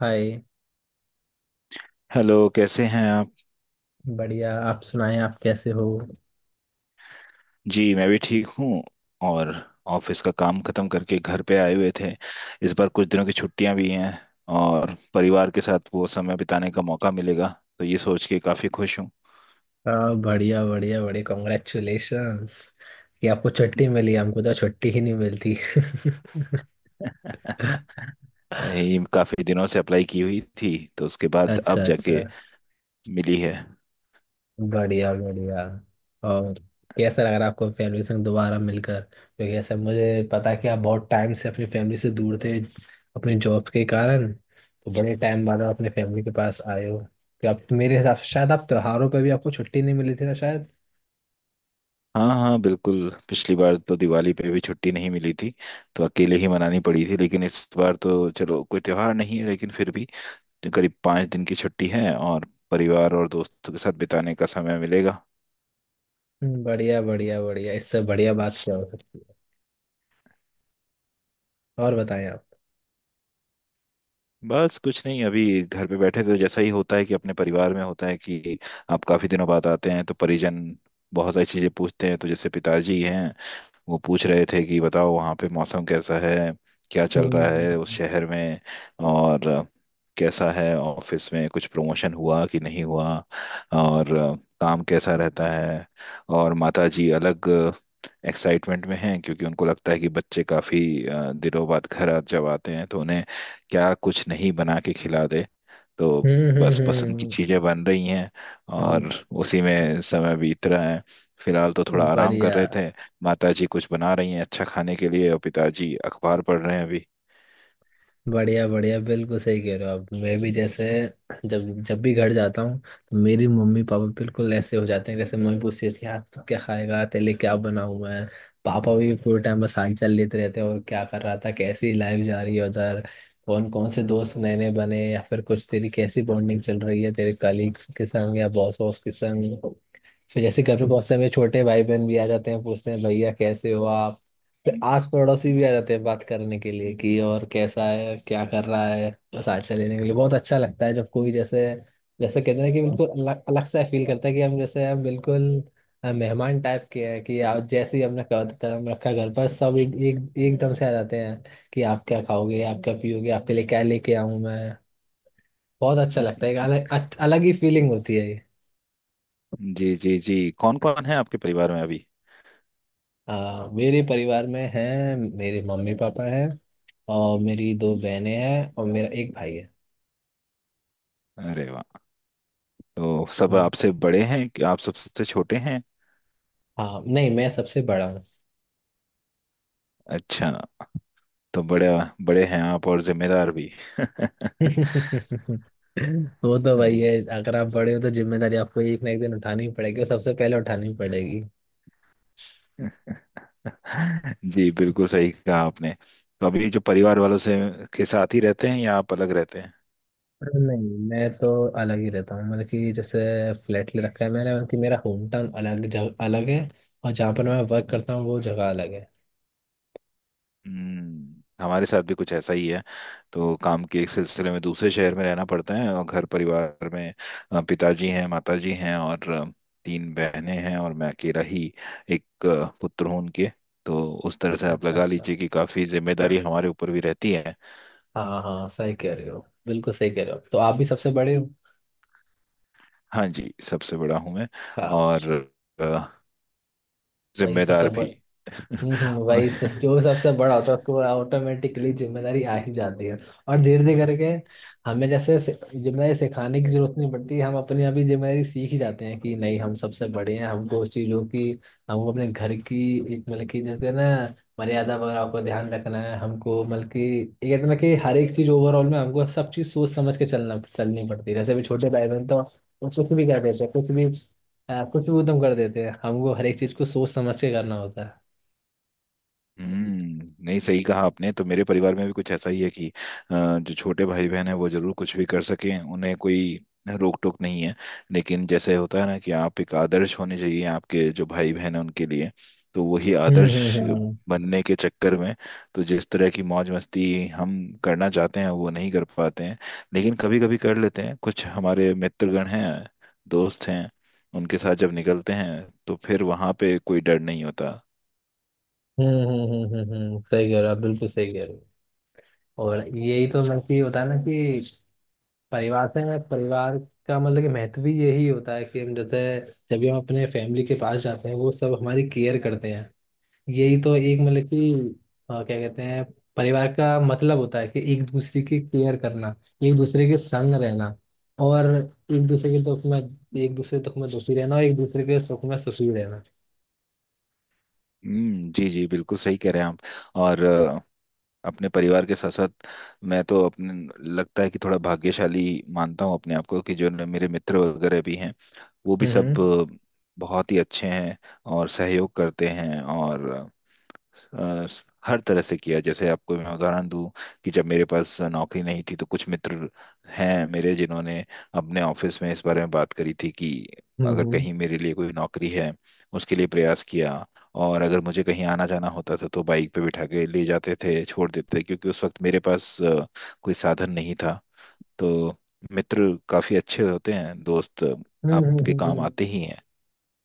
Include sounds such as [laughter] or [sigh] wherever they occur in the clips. हाय। Hello, कैसे हैं आप। बढ़िया, आप सुनाएं, आप कैसे हो। जी मैं भी ठीक हूँ। और ऑफिस का काम खत्म करके घर पे आए हुए थे। इस बार कुछ दिनों की छुट्टियां भी हैं और परिवार के साथ वो समय बिताने का मौका मिलेगा, तो ये सोच के काफी खुश हूँ। हाँ, बढ़िया बढ़िया बढ़िया, कॉन्ग्रेचुलेशंस कि आपको छुट्टी मिली, हमको तो छुट्टी ही नहीं मिलती [laughs] [laughs] यही काफी दिनों से अप्लाई की हुई थी तो उसके बाद अच्छा अब अच्छा, जाके मिली है। बढ़िया बढ़िया। और कैसा लग रहा है आपको फैमिली से दोबारा मिलकर, क्योंकि ऐसा मुझे पता है कि आप बहुत टाइम से अपनी फैमिली से दूर थे अपने जॉब के कारण। तो बड़े टाइम बाद आप अपने फैमिली के पास आए हो। तो आप, मेरे हिसाब से शायद आप त्योहारों पर भी आपको छुट्टी नहीं मिली थी ना। हाँ हाँ बिल्कुल, पिछली बार तो दिवाली पे भी छुट्टी नहीं मिली थी, तो अकेले ही मनानी पड़ी थी। लेकिन इस बार तो चलो कोई त्योहार नहीं है, लेकिन फिर भी करीब 5 दिन की छुट्टी है और परिवार और दोस्तों के साथ बिताने का समय मिलेगा। बढ़िया बढ़िया बढ़िया, इससे बढ़िया बात क्या हो सकती है। और बताएं आप। बस कुछ नहीं, अभी घर पे बैठे थे, तो जैसा ही होता है कि अपने परिवार में होता है कि आप काफी दिनों बाद आते हैं तो परिजन बहुत सारी चीजें पूछते हैं। तो जैसे पिताजी हैं, वो पूछ रहे थे कि बताओ वहाँ पे मौसम कैसा है, क्या चल रहा हम्म है उस शहर में, और कैसा है ऑफिस में, कुछ प्रमोशन हुआ कि नहीं हुआ, और काम कैसा रहता है। और माता जी अलग एक्साइटमेंट में हैं, क्योंकि उनको लगता है कि बच्चे काफी दिनों बाद घर जब आते हैं तो उन्हें क्या कुछ नहीं बना के खिला दे। तो हम्म बस हम्म पसंद की हम्म, चीजें बन रही हैं हम्म, और उसी में समय बीत रहा है। फिलहाल तो थोड़ा आराम कर बढ़िया रहे थे। माताजी कुछ बना रही हैं अच्छा खाने के लिए, और पिताजी अखबार पढ़ रहे हैं अभी। बढ़िया बढ़िया, बिल्कुल सही कह रहे हो आप। मैं भी जैसे जब जब भी घर जाता हूँ तो मेरी मम्मी पापा बिल्कुल ऐसे हो जाते हैं, जैसे मम्मी पूछती थी आज तू क्या खाएगा, तेरे लिए क्या बनाऊँ मैं। पापा भी पूरे टाइम बस हाल चाल लेते रहते हैं, और क्या कर रहा था, कैसी लाइफ जा रही है उधर, कौन कौन से दोस्त नए नए बने, या फिर कुछ तेरी कैसी बॉन्डिंग चल रही है तेरे कलीग्स के संग या बॉस वॉस के संग। तो जैसे घर पे बहुत से हमें छोटे भाई बहन भी आ जाते हैं, पूछते हैं भैया कैसे हो आप। फिर आस पड़ोसी भी आ जाते हैं बात करने के लिए कि और कैसा है, क्या कर रहा है। बस आज लेने के लिए बहुत अच्छा लगता है जब कोई जैसे, जैसे कहते हैं कि बिल्कुल अलग अलग सा फील करता है कि हम जैसे हम बिल्कुल मेहमान टाइप के हैं कि आप जैसे ही हमने कदम रखा घर पर, सब एक एकदम से आ जाते हैं कि आप क्या खाओगे, आप क्या पियोगे, आपके लिए क्या लेके आऊं मैं। बहुत अच्छा लगता है, एक [laughs] अलग अलग ही फीलिंग होती है। जी जी जी, कौन कौन है आपके परिवार में अभी। मेरे परिवार में हैं, मेरे मम्मी पापा हैं, और मेरी दो बहनें हैं और मेरा एक भाई है। अरे वाह, तो सब हम्म, आपसे बड़े हैं कि आप सबसे छोटे हैं। हाँ नहीं, मैं सबसे बड़ा हूँ। अच्छा, तो बड़े बड़े हैं आप, और जिम्मेदार भी। [laughs] वो तो भाई है, अगर आप बड़े हो तो जिम्मेदारी आपको एक ना एक दिन उठानी ही पड़ेगी और सबसे पहले उठानी पड़ेगी। [laughs] जी बिल्कुल सही कहा आपने। तो अभी जो परिवार वालों से के साथ ही रहते हैं या आप अलग रहते हैं। अरे नहीं, मैं तो अलग ही रहता हूँ, मतलब कि जैसे फ्लैट ले रखा है मैंने। मतलब कि मेरा होम टाउन अलग जगह अलग है, और जहाँ पर मैं वर्क करता हूँ वो जगह अलग है। हम्म, हमारे साथ भी कुछ ऐसा ही है। तो काम के एक सिलसिले में दूसरे शहर में रहना पड़ता है, और घर परिवार में पिताजी हैं, माताजी हैं, और 3 बहनें हैं, और मैं अकेला ही एक पुत्र हूं उनके। तो उस तरह से आप अच्छा लगा अच्छा, लीजिए कि काफी जिम्मेदारी हमारे ऊपर भी रहती है। हाँ हाँ, सही कह रहे हो, बिल्कुल सही कह रहे हो, तो आप भी सबसे बड़े हो। हाँ जी, सबसे बड़ा हूं मैं, हाँ। और अ, वही सबसे। जिम्मेदार भी। [laughs] हम्म, और वही जो सबसे बड़ा होता है उसको ऑटोमेटिकली जिम्मेदारी आ ही जाती है। और धीरे धीरे करके हमें जैसे जिम्मेदारी सिखाने की जरूरत नहीं पड़ती, हम अपनी आप ही जिम्मेदारी सीख ही जाते हैं कि नहीं हम सबसे बड़े हैं, हमको उस चीज़ों की, हमको अपने घर की एक, मतलब कि जैसे ना मर्यादा वगैरह को ध्यान रखना है। हमको मतलब कि ये कहते हैं ना कि हर एक चीज़ ओवरऑल में हमको सब चीज़ सोच समझ के चलना चलनी पड़ती है। जैसे अभी छोटे भाई बहन तो वो कुछ भी कर देते हैं, कुछ भी कुछ भी उद्यम कर देते हैं, हमको हर एक चीज़ को सोच समझ के करना होता है। हम्म, नहीं, सही कहा आपने। तो मेरे परिवार में भी कुछ ऐसा ही है कि जो छोटे भाई बहन है, वो जरूर कुछ भी कर सकें, उन्हें कोई रोक टोक नहीं है। लेकिन जैसे होता है ना कि आप एक आदर्श होने चाहिए आपके जो भाई बहन है उनके लिए। तो वही हम्म हम्म आदर्श हम्म बनने के चक्कर में, तो जिस तरह की मौज मस्ती हम करना चाहते हैं वो नहीं कर पाते हैं। लेकिन कभी कभी कर लेते हैं। कुछ हमारे मित्रगण हैं, दोस्त हैं, उनके साथ जब निकलते हैं तो फिर वहां पे कोई डर नहीं होता। सही कह रहे हो आप, बिल्कुल सही कह रहे हो। और यही तो मतलब कि होता है ना कि परिवार से ना, परिवार का मतलब कि महत्व भी यही होता है कि हम जैसे जब भी हम अपने फैमिली के पास जाते हैं वो सब हमारी केयर करते हैं। यही तो एक मतलब कि क्या कहते हैं, परिवार का मतलब होता है कि एक दूसरे की केयर करना, एक दूसरे के संग रहना, और एक दूसरे के दुख में, एक दूसरे दुख में दुखी रहना और एक दूसरे के सुख में सुखी रहना। हम्म, जी जी बिल्कुल सही कह रहे हैं आप। और अपने परिवार के साथ साथ मैं तो अपने, लगता है कि थोड़ा भाग्यशाली मानता हूँ अपने आप को, कि जो मेरे मित्र वगैरह भी हैं, वो भी हम्म सब हम्म बहुत ही अच्छे हैं और सहयोग करते हैं, और अ, हर तरह से किया। जैसे आपको मैं उदाहरण दूं कि जब मेरे पास नौकरी नहीं थी तो कुछ मित्र हैं मेरे जिन्होंने अपने ऑफिस में इस बारे में बात करी थी कि हम्म अगर हम्म। कहीं मेरे लिए कोई नौकरी है, उसके लिए प्रयास किया। और अगर मुझे कहीं आना जाना होता था तो बाइक पे बिठा के ले जाते थे, छोड़ देते थे, क्योंकि उस वक्त मेरे पास कोई साधन नहीं था। तो मित्र काफी अच्छे होते हैं, दोस्त हम्म हम्म हम्म आपके हम्म, काम हम्म। आते ही हैं।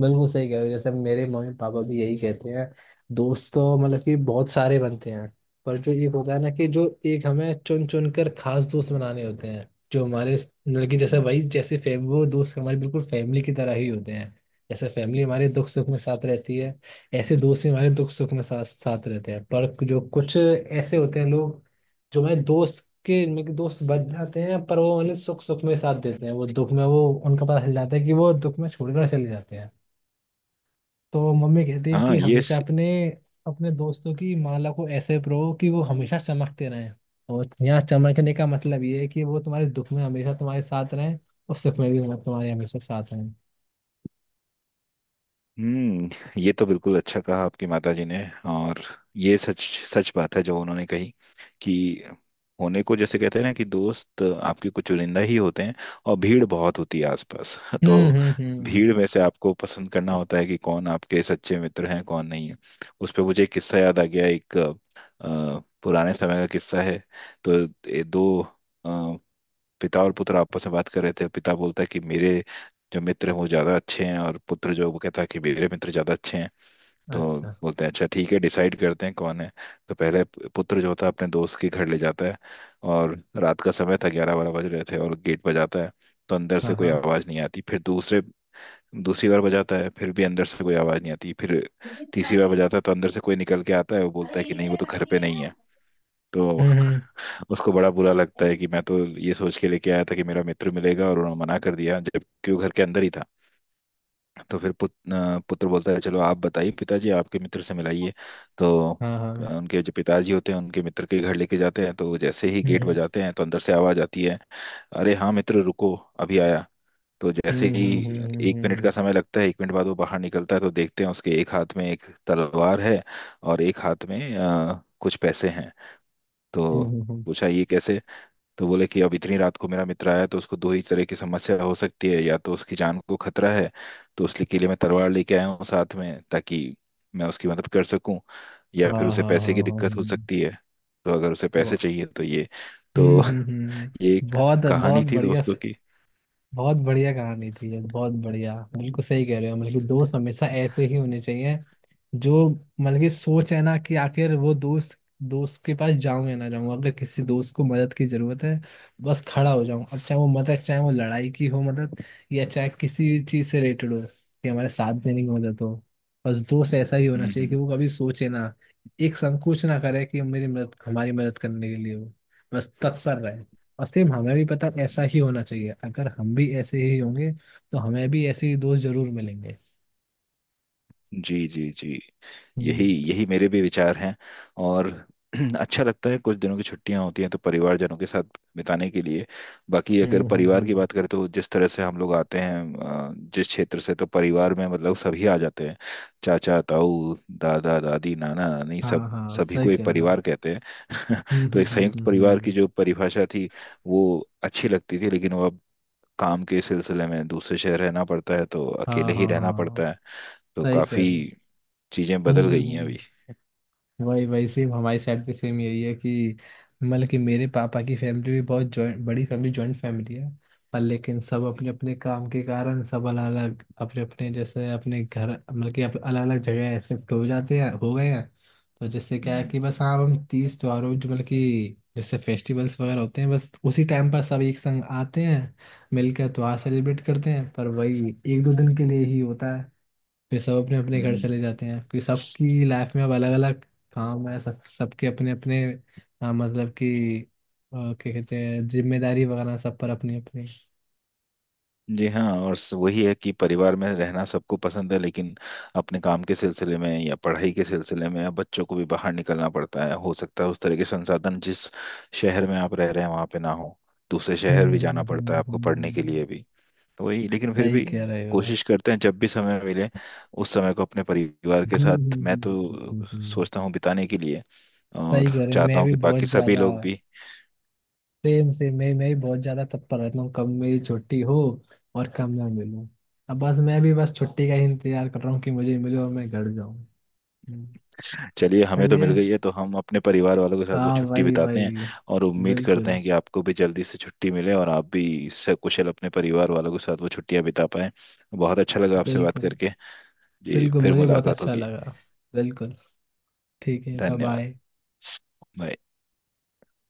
बिल्कुल सही कह रहे हो, जैसे मेरे मम्मी पापा भी यही कहते हैं, दोस्त तो मतलब कि बहुत सारे बनते हैं, पर जो एक होता है ना कि जो एक हमें चुन चुन कर खास दोस्त बनाने होते हैं जो हमारे मतलब कि जैसे हम्म, वही जैसे फैम, वो दोस्त हमारे बिल्कुल फैमिली की तरह ही होते हैं। जैसे फैमिली हमारे दुख सुख में साथ रहती है, ऐसे दोस्त भी हमारे दुख सुख में साथ साथ रहते हैं। पर जो कुछ ऐसे होते हैं लोग जो हमारे दोस्त के मतलब कि दोस्त बन जाते हैं पर वो मतलब सुख सुख में साथ देते हैं, वो दुख में, वो उनका पता चल जाता है कि वो दुख में छोड़कर चले जाते हैं। तो मम्मी कहती है कि हाँ ये हमेशा अपने अपने दोस्तों की माला को ऐसे परो कि वो हमेशा चमकते रहें। और यहाँ चमकने का मतलब ये है कि वो तुम्हारे दुख में हमेशा तुम्हारे साथ रहें और सुख में भी तुम्हारे हमेशा साथ रहें। हम्म, ये तो बिल्कुल अच्छा कहा आपकी माताजी ने। और ये सच, सच बात है जो उन्होंने कही कि होने को जैसे कहते हैं ना कि दोस्त आपके कुछ चुनिंदा ही होते हैं, और भीड़ बहुत होती है आसपास। [laughs] तो हम्म। भीड़ में से आपको पसंद करना होता है कि कौन आपके सच्चे मित्र हैं, कौन नहीं है। उस पे मुझे एक किस्सा याद आ गया, एक पुराने समय का किस्सा है। तो ये दो, पिता और पुत्र आपस में बात कर रहे थे। पिता बोलता है कि मेरे जो मित्र हैं वो ज्यादा अच्छे हैं, और पुत्र जो वो कहता है कि मेरे मित्र ज्यादा अच्छे हैं। तो अच्छा, बोलते हैं, अच्छा ठीक है, डिसाइड करते हैं कौन है। तो पहले पुत्र जो होता है अपने दोस्त के घर ले जाता है। और रात का समय था, 11-12 बज रहे थे, और गेट बजाता है तो अंदर से हाँ कोई हाँ, आवाज नहीं आती। फिर दूसरे दूसरी बार बजाता है, फिर भी अंदर से कोई आवाज नहीं आती। फिर तीसरी बार बजाता है तो अंदर से कोई निकल के आता है, वो बोलता है कि नहीं वो तो घर पे नहीं है। तो हम्म, [laughs] उसको बड़ा बुरा लगता है कि मैं तो ये सोच के लेके आया था कि मेरा मित्र मिलेगा और उन्होंने मना कर दिया, जबकि वो घर के अंदर ही था। तो फिर पुत्र बोलता है, चलो आप बताइए पिताजी, आपके मित्र से मिलाइए। तो हाँ हाँ, उनके जो पिताजी होते हैं उनके मित्र के घर लेके जाते हैं, तो जैसे ही गेट हम्म बजाते हैं तो अंदर से आवाज आती है, अरे हाँ मित्र रुको, अभी आया। तो जैसे हम्म ही हम्म हम्म 1 मिनट का हम्म समय लगता है, 1 मिनट बाद वो बाहर निकलता है तो देखते हैं उसके एक हाथ में एक तलवार है और एक हाथ में कुछ पैसे हैं। तो हम्म हम्म, हम्म, पूछा ये कैसे, तो बोले कि अब इतनी रात को मेरा मित्र आया है, तो उसको दो ही तरह की समस्या हो सकती है, या तो उसकी जान को खतरा है, तो उसके लिए मैं तलवार लेके आया हूँ साथ में, ताकि मैं उसकी मदद कर सकूं, या हाँ फिर हाँ उसे हाँ पैसे की हाँ, दिक्कत हो हम्म। सकती है, तो अगर उसे वो- पैसे चाहिए तो ये। तो [laughs] ये हम्म, एक बहुत कहानी बहुत थी बढ़िया। दोस्तों की। बहुत बढ़िया कहानी थी ये, बहुत बढ़िया, बिल्कुल सही कह रहे हो, मतलब कि दोस्त हमेशा ऐसे ही होने चाहिए जो मतलब कि सोच है ना कि आखिर वो दोस्त, दोस्त के पास जाऊं या ना जाऊं, अगर किसी दोस्त को मदद की जरूरत है बस खड़ा हो जाऊं, अब चाहे वो मदद चाहे वो लड़ाई की हो मदद, या चाहे किसी चीज से रिलेटेड हो, कि हमारे साथ देने की मदद हो। बस दोस्त ऐसा ही होना चाहिए कि हम्म, वो कभी सोचे ना, एक संकोच ना करे कि मेरी मदद, हमारी मदद करने के लिए हो, बस तत्पर रहे। और सेम हमें भी पता ऐसा ही होना चाहिए, अगर हम भी ऐसे ही होंगे तो हमें भी ऐसे ही दोस्त जरूर मिलेंगे। जी जी जी, हम्म यही यही मेरे भी विचार हैं। और [clears throat] अच्छा लगता है कुछ दिनों की छुट्टियां होती हैं तो परिवारजनों के साथ बिताने के लिए। बाकी अगर हम्म हम्म परिवार की हम्म। बात करें तो जिस तरह से हम लोग आते हैं जिस क्षेत्र से, तो परिवार में मतलब सभी आ जाते हैं, चाचा ताऊ दादा दादी नाना नानी सब, हाँ हाँ, सभी सही को एक कह रहे हो आप। परिवार कहते हैं। हम्म [laughs] तो हम्म एक हम्म संयुक्त हम्म परिवार की हम्म। जो परिभाषा थी वो अच्छी लगती थी, लेकिन वो अब, काम के सिलसिले में दूसरे शहर रहना पड़ता है तो अकेले हाँ ही हाँ रहना हाँ, पड़ता है। तो सही कह काफी रहे हो। चीजें बदल गई हैं हम्म, अभी। वही वही सेम, हमारी साइड पे सेम यही है कि मतलब कि मेरे पापा की फैमिली भी बहुत जॉइंट, बड़ी फैमिली, जॉइंट फैमिली है। पर लेकिन सब अपने अपने काम के कारण सब अलग अलग अपने अपने जैसे अपने घर, मतलब कि अलग अलग जगह शिफ्ट हो जाते हैं, हो गए हैं। तो जिससे क्या है हम्म कि बस हाँ, हम तीज त्योहारों जो मतलब कि जैसे फेस्टिवल्स वगैरह होते हैं बस उसी टाइम पर सब एक संग आते हैं, मिलकर त्योहार सेलिब्रेट करते हैं। पर वही एक दो दिन के लिए ही होता है, फिर सब अपने अपने घर हम्म। चले जाते हैं क्योंकि सबकी लाइफ में अब अलग अलग काम है, सब सबके अपने अपने मतलब कि क्या कहते हैं, जिम्मेदारी वगैरह सब पर अपनी अपनी। जी हाँ, और वही है कि परिवार में रहना सबको पसंद है, लेकिन अपने काम के सिलसिले में या पढ़ाई के सिलसिले में या बच्चों को भी बाहर निकलना पड़ता है। हो सकता है उस तरह के संसाधन जिस शहर में आप रह रहे हैं वहाँ पे ना हो, दूसरे शहर हम्म भी हम्म जाना पड़ता है हम्म आपको हम्म, पढ़ने के लिए हम्म। भी। तो वही, लेकिन फिर सही भी कह रहे हो। कोशिश करते हैं जब भी समय मिले उस समय को अपने परिवार के हम्म, साथ, मैं हम्म, हम्म, तो हम्म, हम्म। सोचता हूँ बिताने के लिए, सही और कह रहे हो, चाहता मैं हूँ भी कि बहुत बाकी सभी ज्यादा, लोग भी। सेम से मैं भी बहुत ज्यादा तत्पर रहता हूँ कब मेरी छुट्टी हो और कब मैं मिलूँ। अब बस मैं भी बस छुट्टी का ही इंतजार कर रहा हूँ कि मुझे मिलो और मैं घर जाऊँ। हम्म। चलिए, हमें तो मिल चलिए, गई है तो हम अपने परिवार वालों के साथ वो हाँ छुट्टी भाई बिताते भाई। हैं, और उम्मीद करते बिल्कुल। हैं कि आपको भी जल्दी से छुट्टी मिले और आप भी सकुशल अपने परिवार वालों के साथ वो छुट्टियां बिता पाएं। बहुत अच्छा लगा आपसे बात बिल्कुल। करके। जी, बिल्कुल, फिर मुझे बहुत मुलाकात अच्छा होगी। लगा। बिल्कुल, ठीक है, बाय धन्यवाद। बाय। बाय।